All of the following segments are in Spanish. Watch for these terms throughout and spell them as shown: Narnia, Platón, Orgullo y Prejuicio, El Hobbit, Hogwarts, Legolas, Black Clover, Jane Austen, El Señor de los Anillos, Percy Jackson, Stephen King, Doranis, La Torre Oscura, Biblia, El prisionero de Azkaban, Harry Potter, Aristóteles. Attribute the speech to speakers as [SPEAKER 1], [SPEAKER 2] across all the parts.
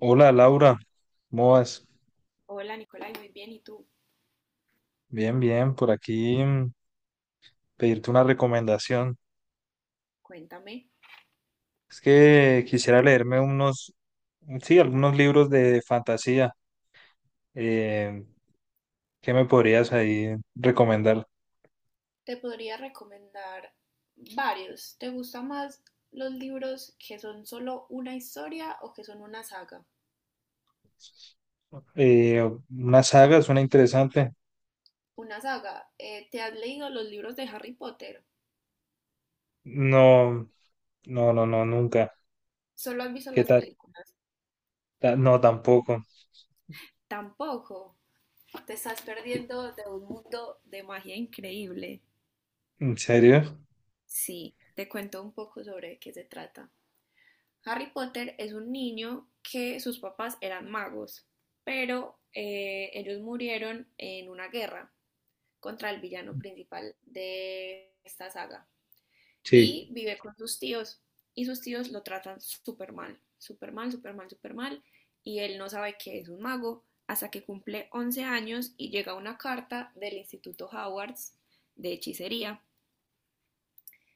[SPEAKER 1] Hola Laura, ¿cómo vas?
[SPEAKER 2] Hola Nicolai, muy bien. ¿Y tú?
[SPEAKER 1] Bien, bien, por aquí pedirte una recomendación.
[SPEAKER 2] Cuéntame.
[SPEAKER 1] Es que quisiera leerme unos, sí, algunos libros de fantasía. Eh, ¿Qué me podrías ahí recomendar?
[SPEAKER 2] Te podría recomendar varios. ¿Te gustan más los libros que son solo una historia o que son una saga?
[SPEAKER 1] Eh, una saga suena interesante.
[SPEAKER 2] Una saga. ¿Te has leído los libros de Harry Potter?
[SPEAKER 1] No, no, no, no, nunca.
[SPEAKER 2] ¿Solo has visto
[SPEAKER 1] ¿Qué
[SPEAKER 2] las
[SPEAKER 1] tal?
[SPEAKER 2] películas?
[SPEAKER 1] No, tampoco.
[SPEAKER 2] Tampoco. Te estás perdiendo de un mundo de magia increíble.
[SPEAKER 1] ¿En serio?
[SPEAKER 2] Sí, te cuento un poco sobre qué se trata. Harry Potter es un niño que sus papás eran magos, pero ellos murieron en una guerra contra el villano principal de esta saga
[SPEAKER 1] Sí.
[SPEAKER 2] y vive con sus tíos y sus tíos lo tratan súper mal, súper mal, súper mal, súper mal y él no sabe que es un mago hasta que cumple 11 años y llega una carta del Instituto Hogwarts de hechicería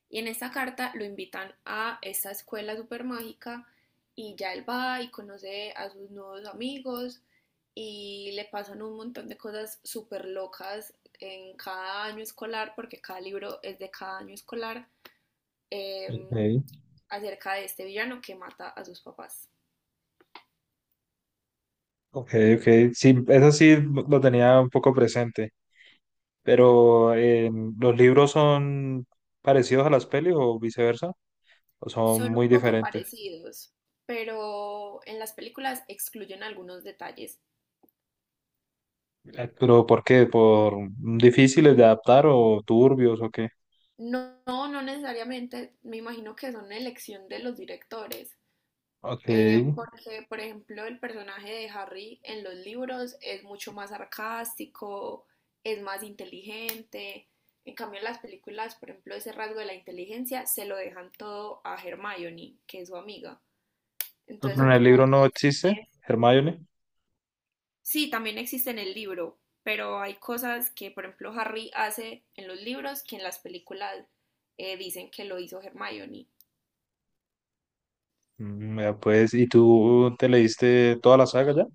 [SPEAKER 2] y en esta carta lo invitan a esta escuela super mágica y ya él va y conoce a sus nuevos amigos y le pasan un montón de cosas súper locas en cada año escolar, porque cada libro es de cada año escolar, eh,
[SPEAKER 1] Ok,
[SPEAKER 2] acerca de este villano que mata a sus papás.
[SPEAKER 1] ok, ok. Sí, eso sí lo tenía un poco presente. Pero ¿los libros son parecidos a las pelis o viceversa? ¿O son
[SPEAKER 2] Son
[SPEAKER 1] muy
[SPEAKER 2] un poco
[SPEAKER 1] diferentes?
[SPEAKER 2] parecidos, pero en las películas excluyen algunos detalles.
[SPEAKER 1] ¿Pero por qué? ¿Por difíciles de adaptar o turbios o qué?
[SPEAKER 2] No, no necesariamente, me imagino que son elección de los directores,
[SPEAKER 1] Ok. ¿En
[SPEAKER 2] porque, por ejemplo, el personaje de Harry en los libros es mucho más sarcástico, es más inteligente. En cambio, en las películas, por ejemplo, ese rasgo de la inteligencia se lo dejan todo a Hermione, que es su amiga. Entonces son
[SPEAKER 1] el
[SPEAKER 2] como
[SPEAKER 1] libro no existe,
[SPEAKER 2] lecciones.
[SPEAKER 1] Hermione?
[SPEAKER 2] Sí, también existe en el libro, pero hay cosas que, por ejemplo, Harry hace en los libros que en las películas dicen que lo hizo Hermione.
[SPEAKER 1] Vea pues, ¿y tú te leíste toda la saga ya?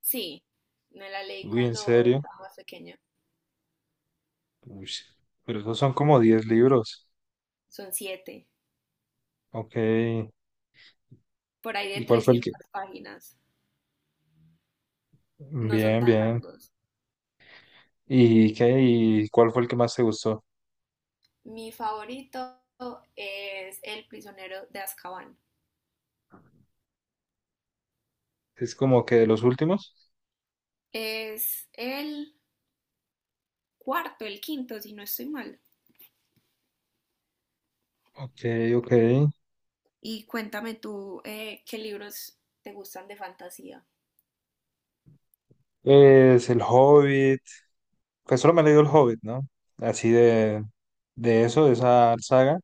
[SPEAKER 2] Sí, me la leí
[SPEAKER 1] Uy, ¿en
[SPEAKER 2] cuando
[SPEAKER 1] serio?
[SPEAKER 2] estaba más pequeña.
[SPEAKER 1] Uy, pero esos son como 10 libros.
[SPEAKER 2] Son siete.
[SPEAKER 1] Ok. ¿Y
[SPEAKER 2] Por ahí de
[SPEAKER 1] cuál fue el que...?
[SPEAKER 2] 300 páginas, no son
[SPEAKER 1] Bien,
[SPEAKER 2] tan
[SPEAKER 1] bien.
[SPEAKER 2] largos.
[SPEAKER 1] ¿Y qué? ¿Y cuál fue el que más te gustó?
[SPEAKER 2] Mi favorito es El prisionero de Azkaban.
[SPEAKER 1] ¿Es como que de los últimos?
[SPEAKER 2] Es el cuarto, el quinto, si no estoy mal.
[SPEAKER 1] Ok, ok.
[SPEAKER 2] Y cuéntame tú, qué libros te gustan de fantasía.
[SPEAKER 1] Es El Hobbit, pues solo me he leído El Hobbit, ¿no? Así de eso, de esa saga.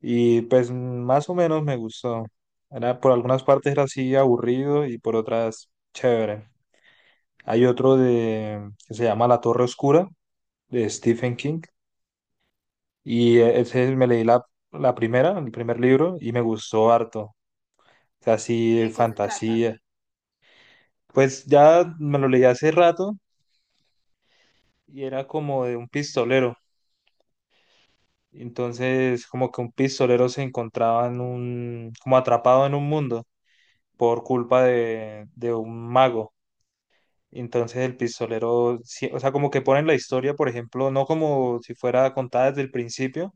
[SPEAKER 1] Y pues más o menos me gustó. Era, por algunas partes era así aburrido y por otras chévere. Hay otro que se llama La Torre Oscura, de
[SPEAKER 2] Sí.
[SPEAKER 1] Stephen King. Y ese me leí la primera, el primer libro, y me gustó harto. O sea,
[SPEAKER 2] ¿Y
[SPEAKER 1] así
[SPEAKER 2] de qué se trata?
[SPEAKER 1] fantasía. Pues ya me lo leí hace rato y era como de un pistolero. Entonces, como que un pistolero se encontraba como atrapado en un mundo por culpa de un mago. Entonces el pistolero, o sea, como que ponen la historia, por ejemplo, no como si fuera contada desde el principio,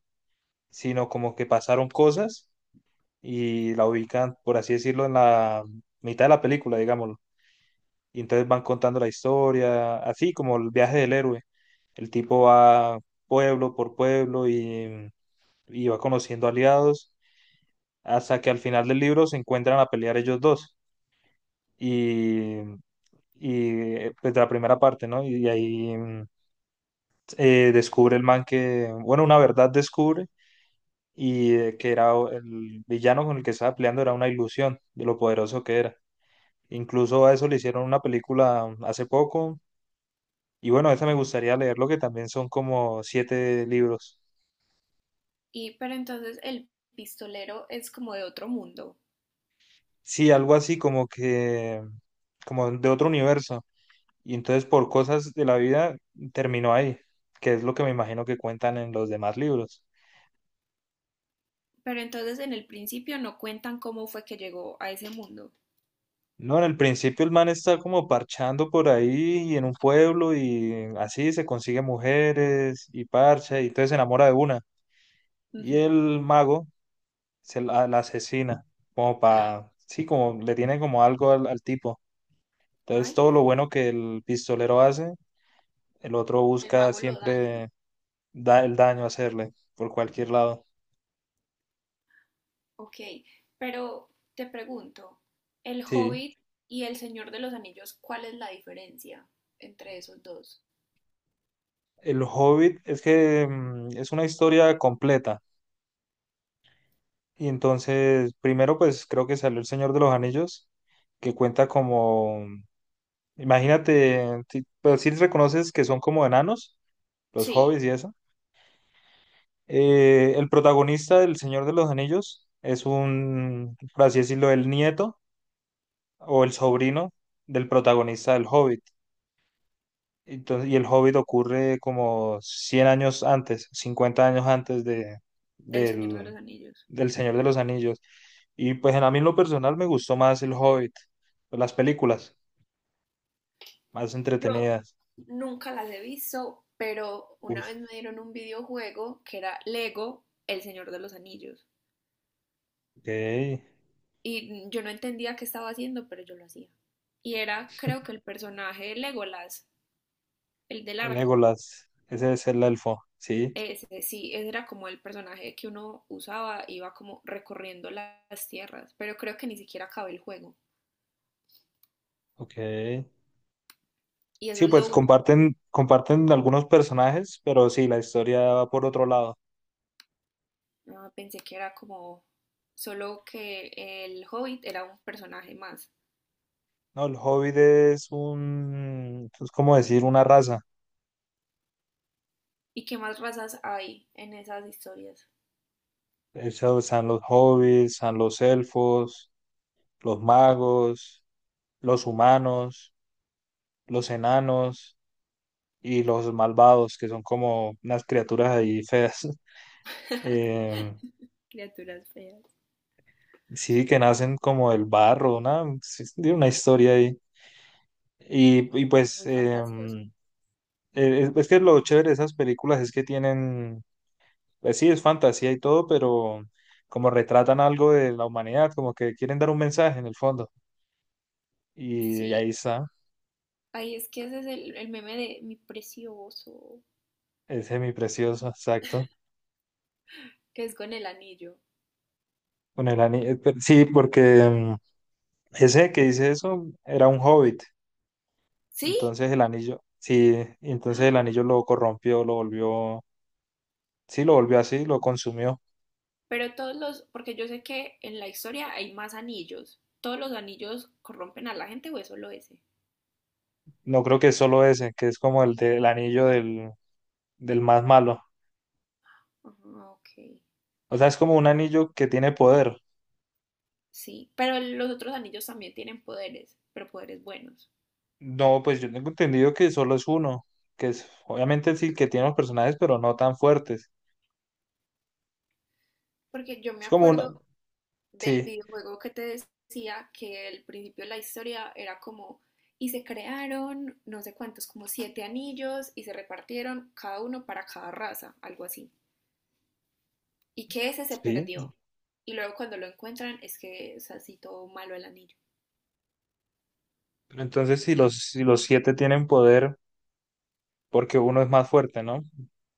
[SPEAKER 1] sino como que pasaron cosas y la ubican, por así decirlo, en la mitad de la película, digámoslo. Y entonces van contando la historia, así como el viaje del héroe. El tipo va pueblo por pueblo y va conociendo aliados hasta que al final del libro se encuentran a pelear ellos dos. Y, y pues de la primera parte, ¿no? Y, ahí descubre el man que, bueno, una verdad descubre y que era el villano con el que estaba peleando era una ilusión de lo poderoso que era. Incluso a eso le hicieron una película hace poco. Y bueno, esa me gustaría leerlo, que también son como siete libros.
[SPEAKER 2] ¿Y pero entonces el pistolero es como de otro mundo?
[SPEAKER 1] Sí, algo así como que, como de otro universo. Y entonces por cosas de la vida terminó ahí, que es lo que me imagino que cuentan en los demás libros.
[SPEAKER 2] ¿Pero entonces en el principio no cuentan cómo fue que llegó a ese mundo?
[SPEAKER 1] No, en el principio el man está como parchando por ahí y en un pueblo y así se consigue mujeres y parcha y entonces se enamora de una.
[SPEAKER 2] Uh
[SPEAKER 1] Y
[SPEAKER 2] -huh.
[SPEAKER 1] el mago se la asesina, como para, sí, como le tiene como algo al tipo. Entonces
[SPEAKER 2] Ay,
[SPEAKER 1] todo lo bueno que el pistolero hace, el otro
[SPEAKER 2] el
[SPEAKER 1] busca
[SPEAKER 2] mago lo daña.
[SPEAKER 1] siempre el daño a hacerle por cualquier lado.
[SPEAKER 2] Ok, pero te pregunto, El
[SPEAKER 1] Sí.
[SPEAKER 2] Hobbit y El Señor de los Anillos, ¿cuál es la diferencia entre esos dos?
[SPEAKER 1] El Hobbit es que es una historia completa. Y entonces, primero, pues creo que salió El Señor de los Anillos, que cuenta como, imagínate, si, pero si reconoces que son como enanos, los
[SPEAKER 2] Sí,
[SPEAKER 1] hobbits y eso. El protagonista del Señor de los Anillos es un, por así decirlo, el nieto o el sobrino del protagonista del Hobbit. Entonces, y el Hobbit ocurre como 100 años antes, 50 años antes
[SPEAKER 2] del Señor de
[SPEAKER 1] del,
[SPEAKER 2] los Anillos.
[SPEAKER 1] del Señor de los Anillos. Y pues a mí en lo personal me gustó más el Hobbit, pues, las películas más
[SPEAKER 2] Yo
[SPEAKER 1] entretenidas.
[SPEAKER 2] nunca las he visto, pero
[SPEAKER 1] Uy,
[SPEAKER 2] una vez me dieron un videojuego que era Lego, El Señor de los Anillos.
[SPEAKER 1] ok.
[SPEAKER 2] Y yo no entendía qué estaba haciendo, pero yo lo hacía. Y era, creo que el personaje de Legolas, el del arco.
[SPEAKER 1] Legolas, ese es el elfo, sí,
[SPEAKER 2] Ese, sí, ese era como el personaje que uno usaba, iba como recorriendo las tierras, pero creo que ni siquiera acabé el juego.
[SPEAKER 1] ok.
[SPEAKER 2] Y eso
[SPEAKER 1] Sí,
[SPEAKER 2] es lo
[SPEAKER 1] pues
[SPEAKER 2] único.
[SPEAKER 1] comparten algunos personajes, pero sí, la historia va por otro lado.
[SPEAKER 2] Ah, pensé que era como solo que el Hobbit era un personaje más.
[SPEAKER 1] No, el Hobbit es como decir una raza.
[SPEAKER 2] ¿Y qué más razas hay en esas historias?
[SPEAKER 1] Eso están los hobbits, están los elfos, los magos, los humanos, los enanos y los malvados, que son como unas criaturas ahí feas. Em,
[SPEAKER 2] Criaturas feas.
[SPEAKER 1] sí, que nacen como del barro, una, sí, tiene una historia ahí. Y
[SPEAKER 2] Es
[SPEAKER 1] pues,
[SPEAKER 2] muy fantasioso.
[SPEAKER 1] es que lo chévere de esas películas es que tienen, pues sí, es fantasía y todo, pero como retratan algo de la humanidad, como que quieren dar un mensaje en el fondo. Y
[SPEAKER 2] Sí.
[SPEAKER 1] ahí está.
[SPEAKER 2] Ahí es que ese es el meme de mi precioso,
[SPEAKER 1] Es semiprecioso, exacto.
[SPEAKER 2] que es con el anillo.
[SPEAKER 1] Con el anillo. Sí, porque mm, ese que dice eso era un hobbit.
[SPEAKER 2] ¿Sí?
[SPEAKER 1] Entonces el anillo, sí, entonces el anillo lo corrompió, lo volvió, sí, lo volvió así, lo consumió.
[SPEAKER 2] Pero todos los, porque yo sé que en la historia hay más anillos. ¿Todos los anillos corrompen a la gente o es solo ese?
[SPEAKER 1] No creo que es solo ese, que es como el del anillo del más malo.
[SPEAKER 2] Ajá, ok.
[SPEAKER 1] O sea, es como un anillo que tiene poder.
[SPEAKER 2] Sí, pero los otros anillos también tienen poderes, pero poderes buenos.
[SPEAKER 1] No, pues yo tengo entendido que solo es uno, que es, obviamente sí que tiene los personajes, pero no tan fuertes.
[SPEAKER 2] Porque yo me
[SPEAKER 1] Es como una,
[SPEAKER 2] acuerdo del
[SPEAKER 1] sí,
[SPEAKER 2] videojuego que te decía que el principio de la historia era como, y se crearon no sé cuántos, como siete anillos y se repartieron cada uno para cada raza, algo así. Y que ese se
[SPEAKER 1] sí.
[SPEAKER 2] perdió. Y luego cuando lo encuentran es que es así todo malo el anillo.
[SPEAKER 1] Pero entonces si los, siete tienen poder. Porque uno es más fuerte, ¿no?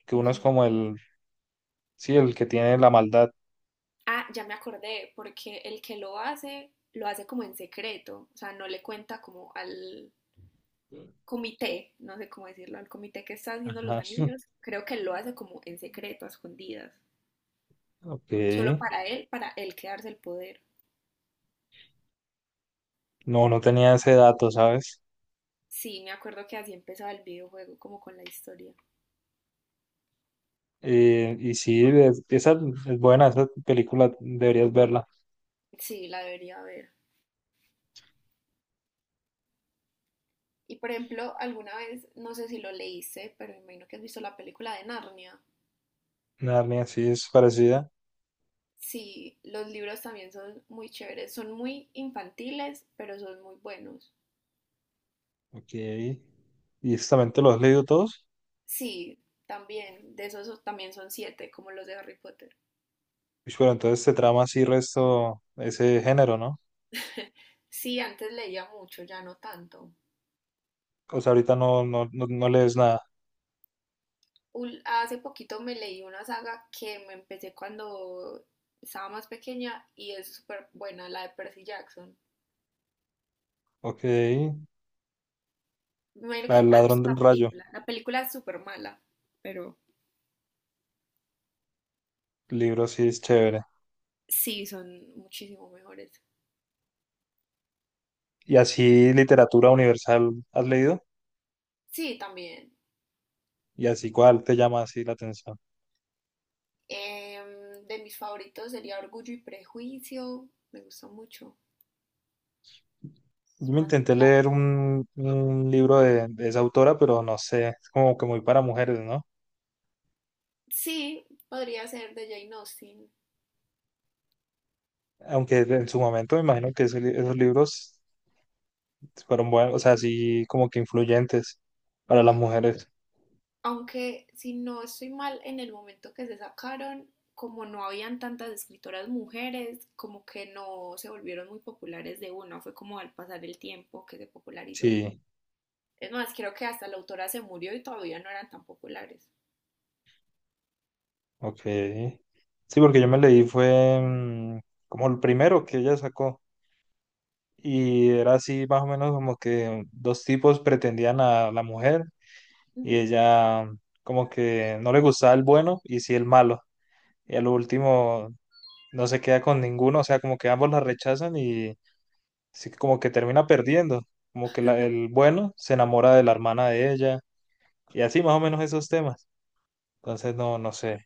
[SPEAKER 1] Que uno es
[SPEAKER 2] Ujú.
[SPEAKER 1] como el, sí, el que tiene la maldad.
[SPEAKER 2] Ah, ya me acordé, porque el que lo hace como en secreto, o sea, no le cuenta como al comité, no sé cómo decirlo, al comité que está haciendo los
[SPEAKER 1] Ajá.
[SPEAKER 2] anillos, creo que lo hace como en secreto, a escondidas,
[SPEAKER 1] Ok.
[SPEAKER 2] solo para él quedarse el poder.
[SPEAKER 1] No, no tenía ese dato, ¿sabes?
[SPEAKER 2] Sí, me acuerdo que así empezaba el videojuego, como con la historia.
[SPEAKER 1] Y sí, esa es buena, esa película deberías verla.
[SPEAKER 2] Sí, la debería ver. Y por ejemplo, alguna vez, no sé si lo leíste, pero me imagino que has visto la película de Narnia.
[SPEAKER 1] Narnia, sí, es parecida.
[SPEAKER 2] Sí, los libros también son muy chéveres, son muy infantiles, pero son muy buenos.
[SPEAKER 1] Ok. ¿Y eso también te lo has leído todos?
[SPEAKER 2] Sí, también, de esos también son siete, como los de Harry Potter.
[SPEAKER 1] Uy, pero entonces te trama así resto ese género, ¿no?
[SPEAKER 2] Sí, antes leía mucho, ya no tanto.
[SPEAKER 1] O sea, ahorita no, no, no, no lees nada.
[SPEAKER 2] Hace poquito me leí una saga que me empecé cuando estaba más pequeña y es súper buena, la de Percy Jackson.
[SPEAKER 1] Ok.
[SPEAKER 2] Me imagino
[SPEAKER 1] La
[SPEAKER 2] que
[SPEAKER 1] del
[SPEAKER 2] has visto
[SPEAKER 1] ladrón
[SPEAKER 2] la
[SPEAKER 1] del rayo.
[SPEAKER 2] película. La película es súper mala, pero
[SPEAKER 1] Libro sí es chévere.
[SPEAKER 2] sí, son muchísimo mejores.
[SPEAKER 1] ¿Y así literatura universal has leído?
[SPEAKER 2] Sí, también.
[SPEAKER 1] Y así, ¿cuál te llama así la atención?
[SPEAKER 2] Em, de mis favoritos sería Orgullo y Prejuicio. Me gusta mucho.
[SPEAKER 1] Yo
[SPEAKER 2] Es
[SPEAKER 1] me
[SPEAKER 2] más un
[SPEAKER 1] intenté leer
[SPEAKER 2] clásico.
[SPEAKER 1] un libro de esa autora, pero no sé, es como que muy para mujeres, ¿no?
[SPEAKER 2] Sí, podría ser de Jane Austen.
[SPEAKER 1] Aunque en su momento me imagino que esos libros fueron buenos, o sea, así como que influyentes para las mujeres.
[SPEAKER 2] Aunque si no estoy mal, en el momento que se sacaron, como no habían tantas escritoras mujeres, como que no se volvieron muy populares de una, fue como al pasar el tiempo que se popularizó.
[SPEAKER 1] Sí,
[SPEAKER 2] Es más, creo que hasta la autora se murió y todavía no eran tan populares.
[SPEAKER 1] ok. Sí, porque yo me leí fue como el primero que ella sacó y era así más o menos como que dos tipos pretendían a la mujer y
[SPEAKER 2] Ujú.
[SPEAKER 1] ella como que no le gustaba el bueno y sí el malo. Y a lo último no se queda con ninguno, o sea, como que ambos la rechazan y sí, como que termina perdiendo, como que el bueno se enamora de la hermana de ella y así más o menos esos temas. Entonces, no, no sé.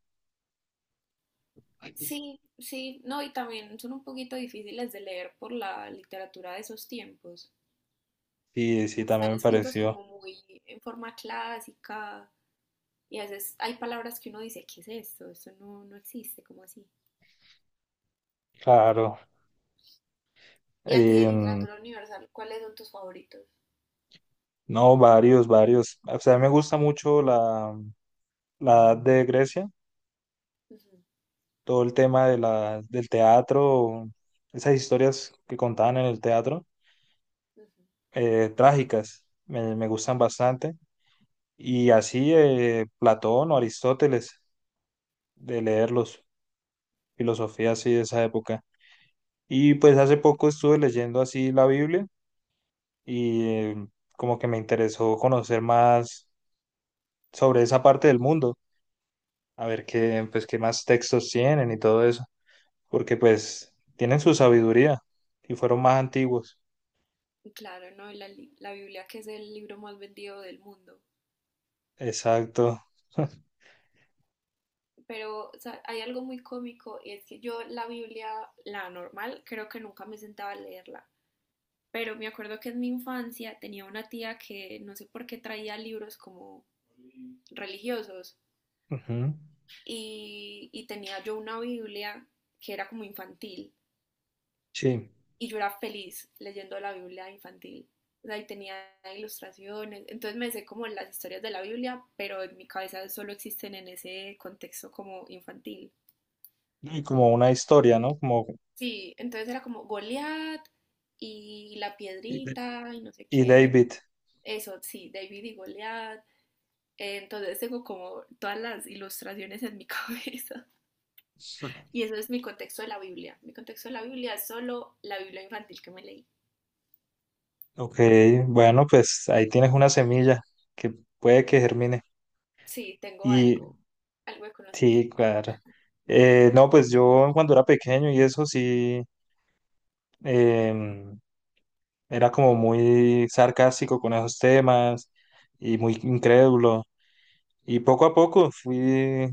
[SPEAKER 2] Sí, sí, no, y también son un poquito difíciles de leer por la literatura de esos tiempos.
[SPEAKER 1] Sí, sí, también
[SPEAKER 2] Están
[SPEAKER 1] me
[SPEAKER 2] escritos
[SPEAKER 1] pareció.
[SPEAKER 2] como muy en forma clásica y a veces hay palabras que uno dice, ¿qué es esto? Esto no, no existe, como así.
[SPEAKER 1] Claro.
[SPEAKER 2] Y a ti de
[SPEAKER 1] Em,
[SPEAKER 2] literatura universal, ¿cuáles son tus favoritos?
[SPEAKER 1] no, varios, varios. O sea, me gusta mucho la edad de Grecia,
[SPEAKER 2] Ujú,
[SPEAKER 1] todo el tema de del teatro, esas historias que contaban en el teatro,
[SPEAKER 2] ujú.
[SPEAKER 1] trágicas, me gustan bastante. Y así Platón o Aristóteles, de leerlos, filosofía así de esa época. Y pues hace poco estuve leyendo así la Biblia y como que me interesó conocer más sobre esa parte del mundo, a ver qué, pues, qué más textos tienen y todo eso, porque pues tienen su sabiduría y fueron más antiguos.
[SPEAKER 2] Y claro, ¿no? La, la Biblia, que es el libro más vendido del mundo.
[SPEAKER 1] Exacto.
[SPEAKER 2] Pero o sea, hay algo muy cómico y es que yo la Biblia, la normal, creo que nunca me sentaba a leerla. Pero me acuerdo que en mi infancia tenía una tía que no sé por qué traía libros como religiosos
[SPEAKER 1] Ujú.
[SPEAKER 2] y tenía yo una Biblia que era como infantil
[SPEAKER 1] Sí.
[SPEAKER 2] y yo era feliz leyendo la Biblia infantil. Ahí tenía ilustraciones, entonces me sé como las historias de la Biblia, pero en mi cabeza solo existen en ese contexto como infantil.
[SPEAKER 1] Y como una historia, ¿no? Como...
[SPEAKER 2] Sí, entonces era como Goliat y la piedrita y no sé
[SPEAKER 1] Y
[SPEAKER 2] qué.
[SPEAKER 1] David.
[SPEAKER 2] Eso, sí, David y Goliat. Entonces tengo como todas las ilustraciones en mi cabeza. Y eso es mi contexto de la Biblia. Mi contexto de la Biblia es solo la Biblia infantil que me leí.
[SPEAKER 1] Ok, bueno, pues ahí tienes una semilla que puede que germine.
[SPEAKER 2] Sí, tengo
[SPEAKER 1] Y
[SPEAKER 2] algo, algo de
[SPEAKER 1] sí,
[SPEAKER 2] conocimiento.
[SPEAKER 1] claro. No, pues yo cuando era pequeño y eso sí, em, era como muy sarcástico con esos temas y muy incrédulo. Y poco a poco fui,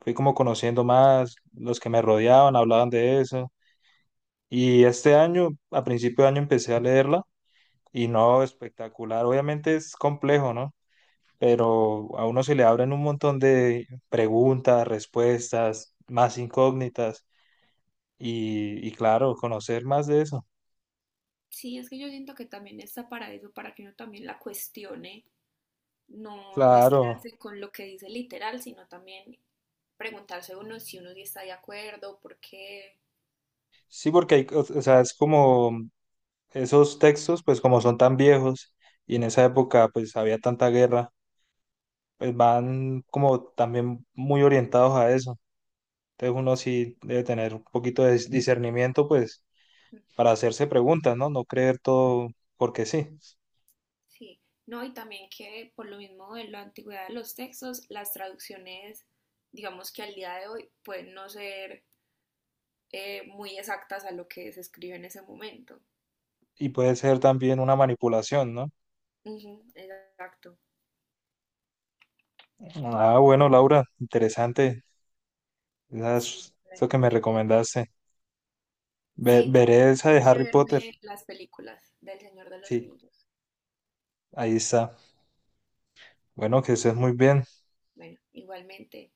[SPEAKER 1] fui como conociendo más, los que me rodeaban hablaban de eso. Y este año, a principio de año, empecé a leerla y no, espectacular. Obviamente es complejo, ¿no? Pero a uno se le abren un montón de preguntas, respuestas, más incógnitas y claro, conocer más de eso.
[SPEAKER 2] Sí, es que yo siento que también está para eso, para que uno también la cuestione. No, no es
[SPEAKER 1] Claro,
[SPEAKER 2] quedarse con lo que dice literal, sino también preguntarse uno si uno sí está de acuerdo, por qué.
[SPEAKER 1] sí, porque o sea, es como esos textos, pues como son tan viejos y en esa época pues había tanta guerra, pues van como también muy orientados a eso. Entonces uno sí debe tener un poquito de discernimiento, pues, para hacerse preguntas, ¿no? No creer todo porque sí.
[SPEAKER 2] Sí, no, y también que por lo mismo de la antigüedad de los textos, las traducciones, digamos que al día de hoy pueden no ser, muy exactas a lo que se escribe en ese momento.
[SPEAKER 1] Y puede ser también una manipulación, ¿no?
[SPEAKER 2] Ujú, exacto,
[SPEAKER 1] Ah, bueno, Laura, interesante.
[SPEAKER 2] sí,
[SPEAKER 1] Eso que me
[SPEAKER 2] muy interesante.
[SPEAKER 1] recomendaste.
[SPEAKER 2] Sí, también
[SPEAKER 1] Veré esa
[SPEAKER 2] tengo
[SPEAKER 1] de
[SPEAKER 2] que
[SPEAKER 1] Harry Potter.
[SPEAKER 2] verme las películas del Señor de los
[SPEAKER 1] Sí,
[SPEAKER 2] Anillos.
[SPEAKER 1] ahí está. Bueno, que estés muy bien.
[SPEAKER 2] Bueno, igualmente.